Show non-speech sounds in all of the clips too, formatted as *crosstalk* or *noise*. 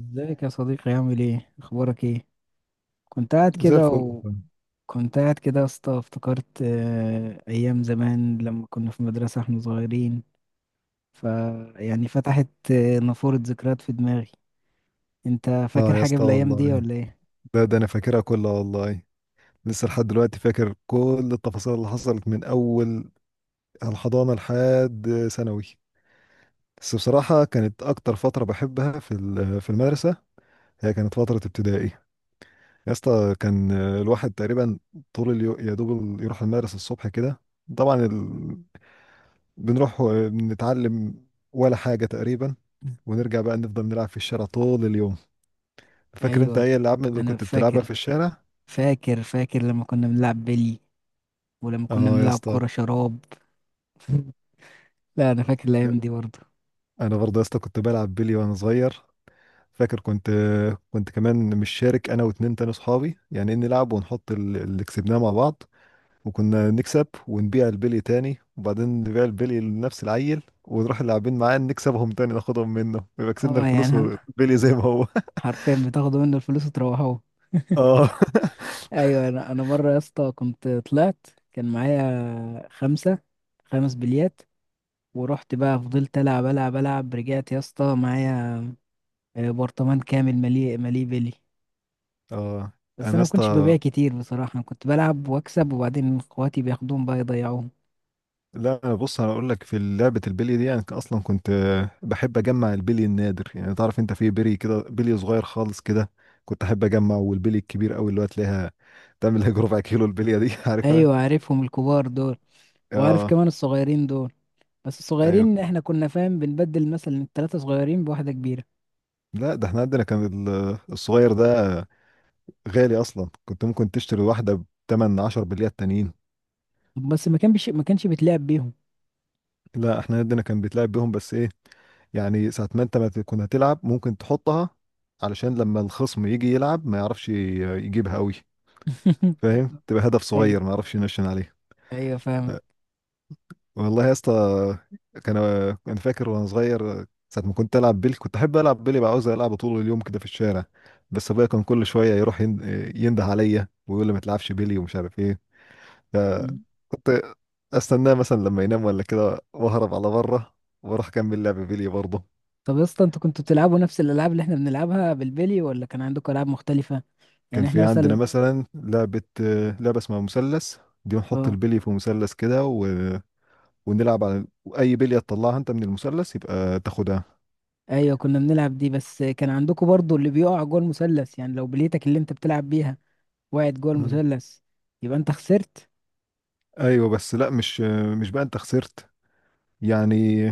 ازيك يا صديقي؟ عامل ايه؟ اخبارك ايه؟ كنت قاعد زي كده، الفل والله. وكنت قاعد كده يا اسطى افتكرت ايام زمان لما كنا في مدرسة احنا صغيرين. ف يعني فتحت نافورة ذكريات في دماغي. انت اه فاكر يا حاجة اسطى بالايام دي والله، ولا ايه؟ ده انا فاكرها كلها والله. لسه لحد دلوقتي فاكر كل التفاصيل اللي حصلت من اول الحضانه لحد ثانوي. بس بصراحه كانت اكتر فتره بحبها في المدرسه، هي كانت فتره ابتدائي. يا اسطى كان الواحد تقريبا طول اليوم يا دوب يروح المدرسه الصبح كده. طبعا بنروح نتعلم ولا حاجه تقريبا، ونرجع بقى نفضل نلعب في الشارع طول اليوم. فاكر انت ايوه ايه الالعاب اللي انا كنت بتلعبها فاكر. في الشارع؟ فاكر لما كنا بنلعب بلي، ولما كنا اه يا بنلعب اسطى. كرة شراب. *laughs* لا انا فاكر الايام دي برضه. انا برضه يا اسطى كنت بلعب بيلي وانا صغير. فاكر كنت كمان مش شارك انا واتنين تاني صحابي، يعني إيه نلعب ونحط اللي كسبناه مع بعض. وكنا نكسب ونبيع البيلي تاني، وبعدين نبيع البيلي لنفس العيل، ونروح اللاعبين معاه نكسبهم تاني ناخدهم منه، ويبقى كسبنا اه الفلوس يعني والبيلي زي ما هو. *laughs* حرفيا بتاخدوا منه الفلوس وتروحوه. اه. *laughs* ايوه، انا مره يا اسطى كنت طلعت كان معايا خمسه، خمس بليات، ورحت بقى فضلت العب العب، رجعت يا اسطى معايا برطمان كامل مليء بلي. اه بس انا انا يا ما كنتش اسطى، ببيع كتير بصراحه، انا كنت بلعب واكسب وبعدين اخواتي بياخدوهم بقى يضيعوهم. لا بص انا اقول لك في لعبه البلي دي، انا اصلا كنت بحب اجمع البلي النادر. يعني تعرف انت، في بلي كده بلي صغير خالص كده، كنت احب اجمع. والبلي الكبير قوي اللي هو تلاقيها تعمل هيك ربع كيلو، البليه دي *laughs* عارفها؟ ايوه عارفهم الكبار دول، وعارف اه كمان الصغيرين دول. بس ايوه. الصغيرين احنا كنا فاهم بنبدل مثلا التلاته صغيرين بواحده كبيره. لا ده احنا عندنا كان الصغير ده غالي اصلا، كنت ممكن تشتري واحده ب 8 10 بليات تانيين. بس ما كانش بيتلعب بيهم. لا احنا عندنا كان بيتلعب بيهم، بس ايه، يعني ساعة ما انت ما تكون هتلعب ممكن تحطها علشان لما الخصم يجي يلعب ما يعرفش يجيبها قوي. فاهم؟ تبقى هدف *laughs* ايوه، صغير ما اعرفش نشن عليه. ايوه فاهم. والله يا اسطى، كان انا فاكر وانا صغير ساعه ما كنت العب بيلي، كنت احب العب بيلي بقى، عاوز العب طول اليوم كده في الشارع. بس ابويا كان كل شويه يروح ينده عليا ويقول لي ما تلعبش بيلي ومش عارف ايه. فكنت استناه مثلا لما ينام ولا كده، واهرب على بره واروح اكمل لعب بيلي برضه. طب يا اسطى انتوا كنتوا بتلعبوا نفس الالعاب اللي احنا بنلعبها بالبلي، ولا كان عندكم العاب مختلفه؟ كان يعني احنا في عندنا مثلا. مثلا لعبه، لعبه اسمها مثلث. دي بنحط اه البلي في مثلث كده ونلعب على اي بليه تطلعها انت من المثلث يبقى تاخدها. ايوه كنا بنلعب دي، بس كان عندكم برضو اللي بيقع جوه المثلث؟ يعني لو بليتك اللي انت بتلعب بيها وقعت جوه مم. المثلث يبقى انت خسرت. ايوه بس لا مش، مش بقى انت خسرت، يعني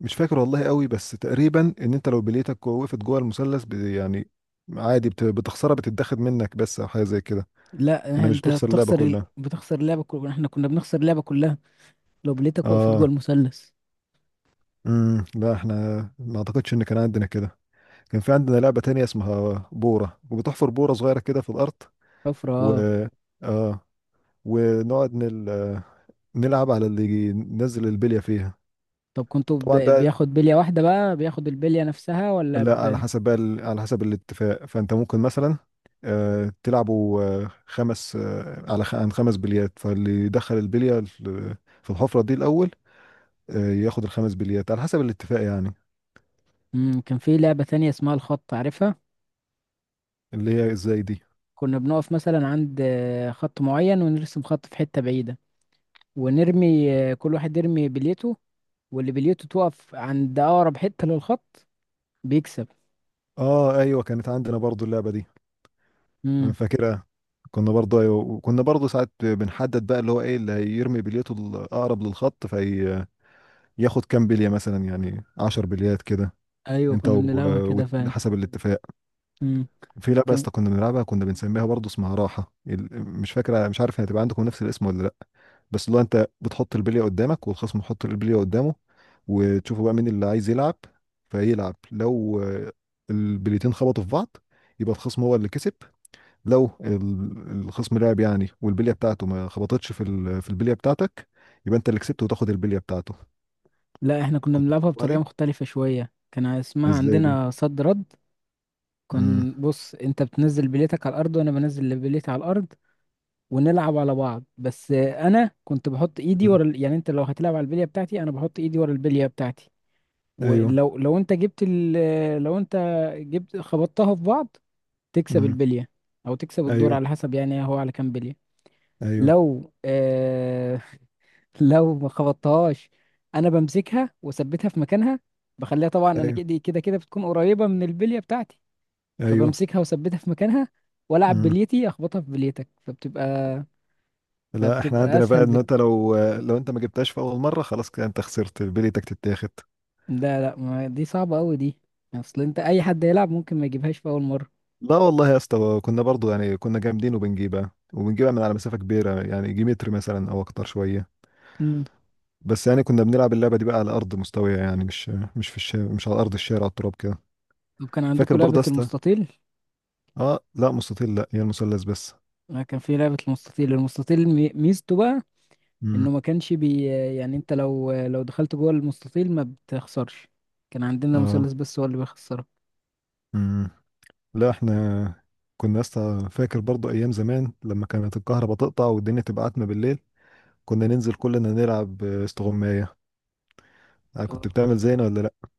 مش فاكر والله قوي، بس تقريبا ان انت لو بليتك وقفت جوه المثلث، يعني عادي، بتخسرها، بتتاخد منك بس، او حاجه زي كده. لا انا مش انت بتخسر اللعبه بتخسر كلها. بتخسر اللعبه كلها، احنا كنا بنخسر اللعبه كلها لو بليتك وقفت جوه اه. المثلث. لا احنا ما اعتقدش ان كان عندنا كده. كان في عندنا لعبه تانية اسمها بوره، وبتحفر بوره صغيره كده في الارض، حفره، و اه. اه ونقعد نلعب على اللي ينزل البليه فيها. طب كنتوا طبعا ده، بياخد بليه واحده بقى، بياخد البليه نفسها ولا لا على حسب بقى، على حسب الاتفاق. فانت ممكن مثلا تلعبوا خمس، عن خمس بليات، فاللي يدخل البليه في الحفره دي الاول، ياخد الخمس بليات على حسب الاتفاق يعني. كان في لعبه تانية اسمها الخط، عارفها؟ اللي هي ازاي دي؟ كنا بنقف مثلا عند خط معين ونرسم خط في حتة بعيدة، ونرمي، كل واحد يرمي بليته، واللي بليته توقف عند أقرب حتة للخط بيكسب. اه ايوه، كانت عندنا برضو اللعبه دي، أنا امم. فاكرها. كنا برضو ايوه، وكنا برضو ساعات بنحدد بقى اللي هو ايه اللي هيرمي بليته الاقرب للخط، فياخد كام بليه مثلا، يعني 10 بليات كده. ايوه انت كنا بنلعبها كده فعلا. وحسب الاتفاق. امم. في لعبة يا كان، اسطى كنا بنلعبها، كنا بنسميها برضه، اسمها راحة مش فاكرة، مش عارف هتبقى عندكم نفس الاسم ولا لأ. بس اللي هو أنت بتحط البلية قدامك والخصم يحط البلية قدامه، وتشوفوا بقى مين اللي عايز يلعب. فيلعب، لو البليتين خبطوا في بعض، يبقى الخصم هو اللي كسب. لو الخصم لعب يعني، والبلية بتاعته ما خبطتش في البلية بتاعتك، يبقى أنت اللي كسبت وتاخد البلية بتاعته. لا احنا كنا كنت بنلعبها بتلعبها بطريقة دي؟ مختلفة شوية، كان اسمها ازاي دي؟ عندنا صد رد. امم. كان، بص انت بتنزل بليتك على الارض وانا بنزل اللي بليتي على الارض، ونلعب على بعض. بس انا كنت بحط ايدي امم. ورا يعني انت لو هتلعب على البلية بتاعتي انا بحط ايدي ورا البلية بتاعتي. ايوه. ولو انت جبت لو انت جبت خبطتها في بعض تكسب امم. البلية، او تكسب الدور ايوه. على حسب، يعني هو على كام بلية. ايوه. لو *laughs* لو ما خبطتهاش انا بمسكها واثبتها في مكانها، بخليها، طبعا انا ايوه. كده بتكون قريبة من البلية بتاعتي، ايوه. فبمسكها واثبتها في مكانها، والعب امم بليتي اخبطها في بليتك فبتبقى، لا، احنا فبتبقى عندنا بقى اسهل ان انت بك. لو انت ما جبتهاش في اول مره، خلاص كده انت خسرت، بليتك تتاخد. ده لا، ما دي صعبة قوي دي، اصل انت اي حد يلعب ممكن ما يجيبهاش في اول مرة. لا والله يا اسطى، كنا برضو يعني كنا جامدين، وبنجيبها وبنجيبها من على مسافه كبيره، يعني يجي متر مثلا او اكتر شويه. بس يعني كنا بنلعب اللعبه دي بقى على ارض مستويه، يعني مش في الشارع، مش على ارض الشارع، على التراب كده. طب كان فاكر عندكم برضه لعبة يا اسطى. المستطيل؟ اه لا مستطيل، لا هي المثلث بس. أنا كان في لعبة المستطيل، المستطيل ميزته بقى امم. إنه ما كانش بي، يعني أنت لو دخلت جوه المستطيل ما بتخسرش، كان عندنا اه. المثلث بس هو اللي بيخسرك. امم لا احنا كنا يا اسطى فاكر برضه ايام زمان لما كانت الكهرباء تقطع والدنيا تبقى عتمه بالليل، كنا ننزل كلنا نلعب استغماية. أنا كنت آه. بتعمل زينا ولا لأ؟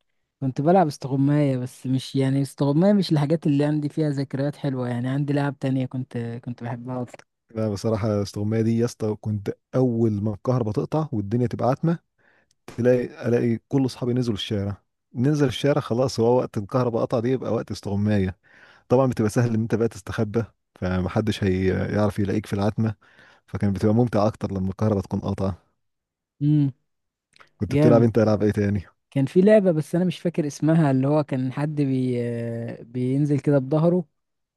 كنت بلعب استغماية، بس مش يعني استغماية مش الحاجات اللي عندي فيها ذكريات حلوة، يعني عندي لعب تانية كنت بحبها أكتر. لا بصراحة استغماية دي يا اسطى، كنت أول ما الكهرباء تقطع والدنيا تبقى عتمة تلاقي ألاقي كل أصحابي نزلوا الشارع، ننزل الشارع خلاص، هو وقت الكهرباء قطع دي يبقى وقت استغماية. طبعا بتبقى سهل إن أنت بقى تستخبى، فمحدش هيعرف يلاقيك في العتمة، فكان بتبقى ممتع أكتر لما الكهرباء تكون قاطعة. امم. كنت بتلعب جامد. أنت ألعاب إيه تاني؟ كان في لعبة بس أنا مش فاكر اسمها، اللي هو كان حد بي، بينزل كده بظهره،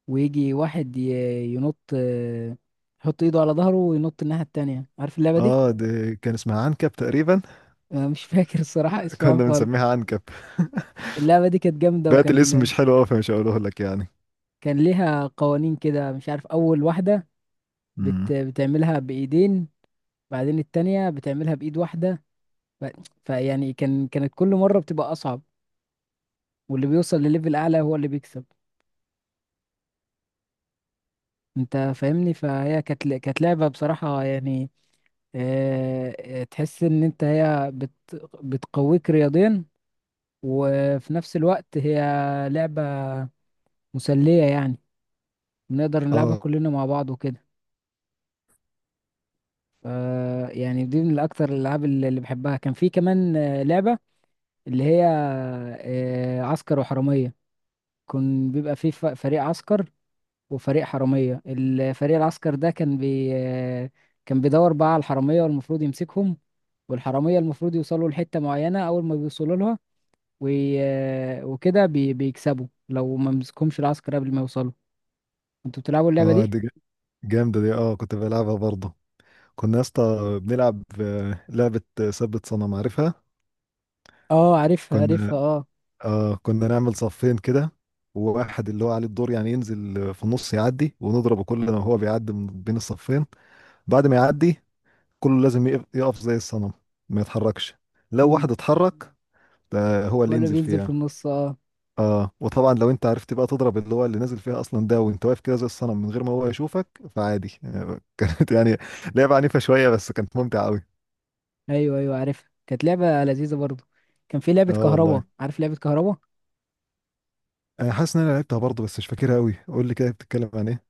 ويجي واحد ينط، يحط ايده على ظهره وينط الناحية التانية، عارف اللعبة دي؟ آه دي كان اسمها عنكب تقريبا. أنا مش فاكر الصراحة *laughs* *laughs* اسمها كنا خالص. بنسميها عنكب. *laughs* اللعبة دي كانت جامدة، بقت الاسم وكان مش حلو أوي فمش هقوله لك يعني. كان ليها قوانين كده مش عارف، أول واحدة مم. بتعملها بإيدين، بعدين التانية بتعملها بإيد واحدة. ف... فيعني كانت كل مرة بتبقى أصعب، واللي بيوصل لليفل أعلى هو اللي بيكسب. أنت فاهمني؟ فهي كانت كانت لعبة بصراحة يعني، آه، تحس إن أنت هي بتقويك رياضيا، وفي نفس الوقت هي لعبة مسلية، يعني بنقدر نلعبها اه. كلنا مع بعض وكده. ف- يعني دي من الأكتر الألعاب اللي بحبها. كان في كمان لعبة اللي هي عسكر وحرامية. كان بيبقى في فريق عسكر وفريق حرامية. الفريق العسكر ده كان بي آه، كان بيدور بقى على الحرامية والمفروض يمسكهم، والحرامية المفروض يوصلوا لحتة معينة، أول ما بيوصلوا لها وكده بيكسبوا لو ما مسكهمش العسكر قبل ما يوصلوا. انتوا بتلعبوا اللعبة اه دي؟ دي جامدة دي، اه كنت بلعبها برضه. كنا يا اسطى بنلعب لعبة ثبت صنم، عارفها؟ اه عارفها، كنا عارفها اه. اه كنا نعمل صفين كده، وواحد اللي هو عليه الدور يعني ينزل في النص يعدي، ونضربه كل ما هو بيعدي من بين الصفين. بعد ما يعدي كله لازم يقف، يقف زي الصنم، ما يتحركش. لو امم، واحد اتحرك ده هو هو اللي اللي ينزل بينزل في فيها. النص اه. اه، وطبعا لو انت عرفت بقى تضرب اللي هو اللي نازل فيها اصلا ده، وانت واقف كده زي الصنم من غير ما هو يشوفك، فعادي. *laughs* كانت يعني لعبة عنيفة شوية، بس كانت ممتعة قوي. ايوه، ايوه عارفها كانت لعبة لذيذة برضو. كان في لعبة اه كهربا، والله، عارف لعبة كهربا؟ انا حاسس ان انا لعبتها برضه بس مش فاكرها قوي، قول لي كده بتتكلم عن ايه؟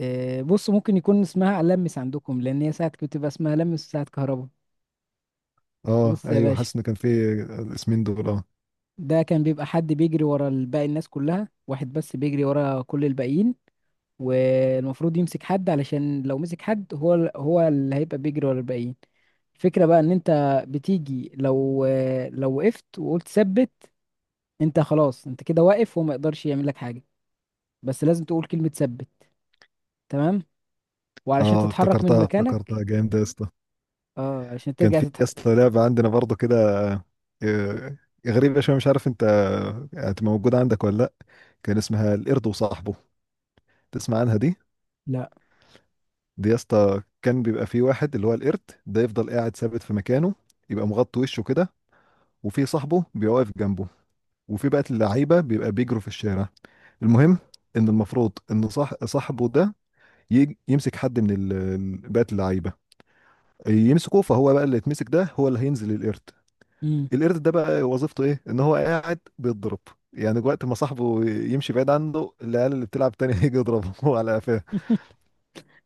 آه بص، ممكن يكون اسمها لمس عندكم، لان هي ساعة كنت بتبقى اسمها لمس ساعة كهربا. اه بص يا ايوه، باشا، حاسس ان كان في الاسمين دول، اه. ده كان بيبقى حد بيجري ورا باقي الناس كلها، واحد بس بيجري ورا كل الباقيين، والمفروض يمسك حد، علشان لو مسك حد هو هو اللي هيبقى بيجري ورا الباقيين. الفكرة بقى ان انت بتيجي، لو لو وقفت وقلت ثبت، انت خلاص انت كده واقف وما يقدرش يعمل لك حاجة، بس لازم تقول كلمة ثبت تمام، وعلشان اه تتحرك من افتكرتها، مكانك افتكرتها، جامدة يا اسطى. اه، علشان كان ترجع في يا اسطى لعبة عندنا برضه كده، آه، غريبة شوية، مش عارف انت هتبقى موجودة عندك ولا لا. كان اسمها القرد وصاحبه، تسمع عنها دي؟ لا. دي يا اسطى كان بيبقى فيه واحد اللي هو القرد ده، يفضل قاعد ثابت في مكانه، يبقى مغطي وشه كده، وفي صاحبه بيبقى واقف جنبه، وفي بقى اللعيبه بيبقى بيجروا في الشارع. المهم ان المفروض ان صاحبه ده يمسك حد من بقى اللعيبه، يمسكه، فهو بقى اللي يتمسك ده هو اللي هينزل القرد. مم. القرد ده بقى وظيفته ايه؟ ان هو قاعد بيتضرب، يعني وقت ما صاحبه يمشي بعيد عنه، العيال اللي بتلعب تاني *laughs* هيجي يضربه على قفاه.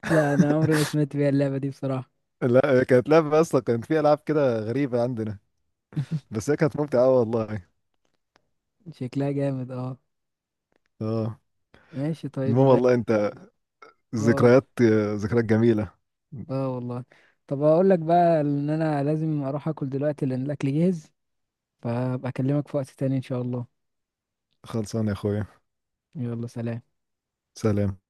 لا انا عمري ما سمعت بيها اللعبة دي بصراحة. لا كانت لعبة اصلا، كان في العاب كده غريبة عندنا، بس هي كانت ممتعة أوي والله. شكلها جامد اه. اه. ماشي المهم طيب. والله انت، اه. ذكريات، ذكريات جميلة. اه والله. طب اقول لك بقى ان انا لازم اروح اكل دلوقتي لان الاكل جاهز، فبكلمك في وقت تاني إن شاء الله. خلصان يا اخويا. يلا سلام. سلام.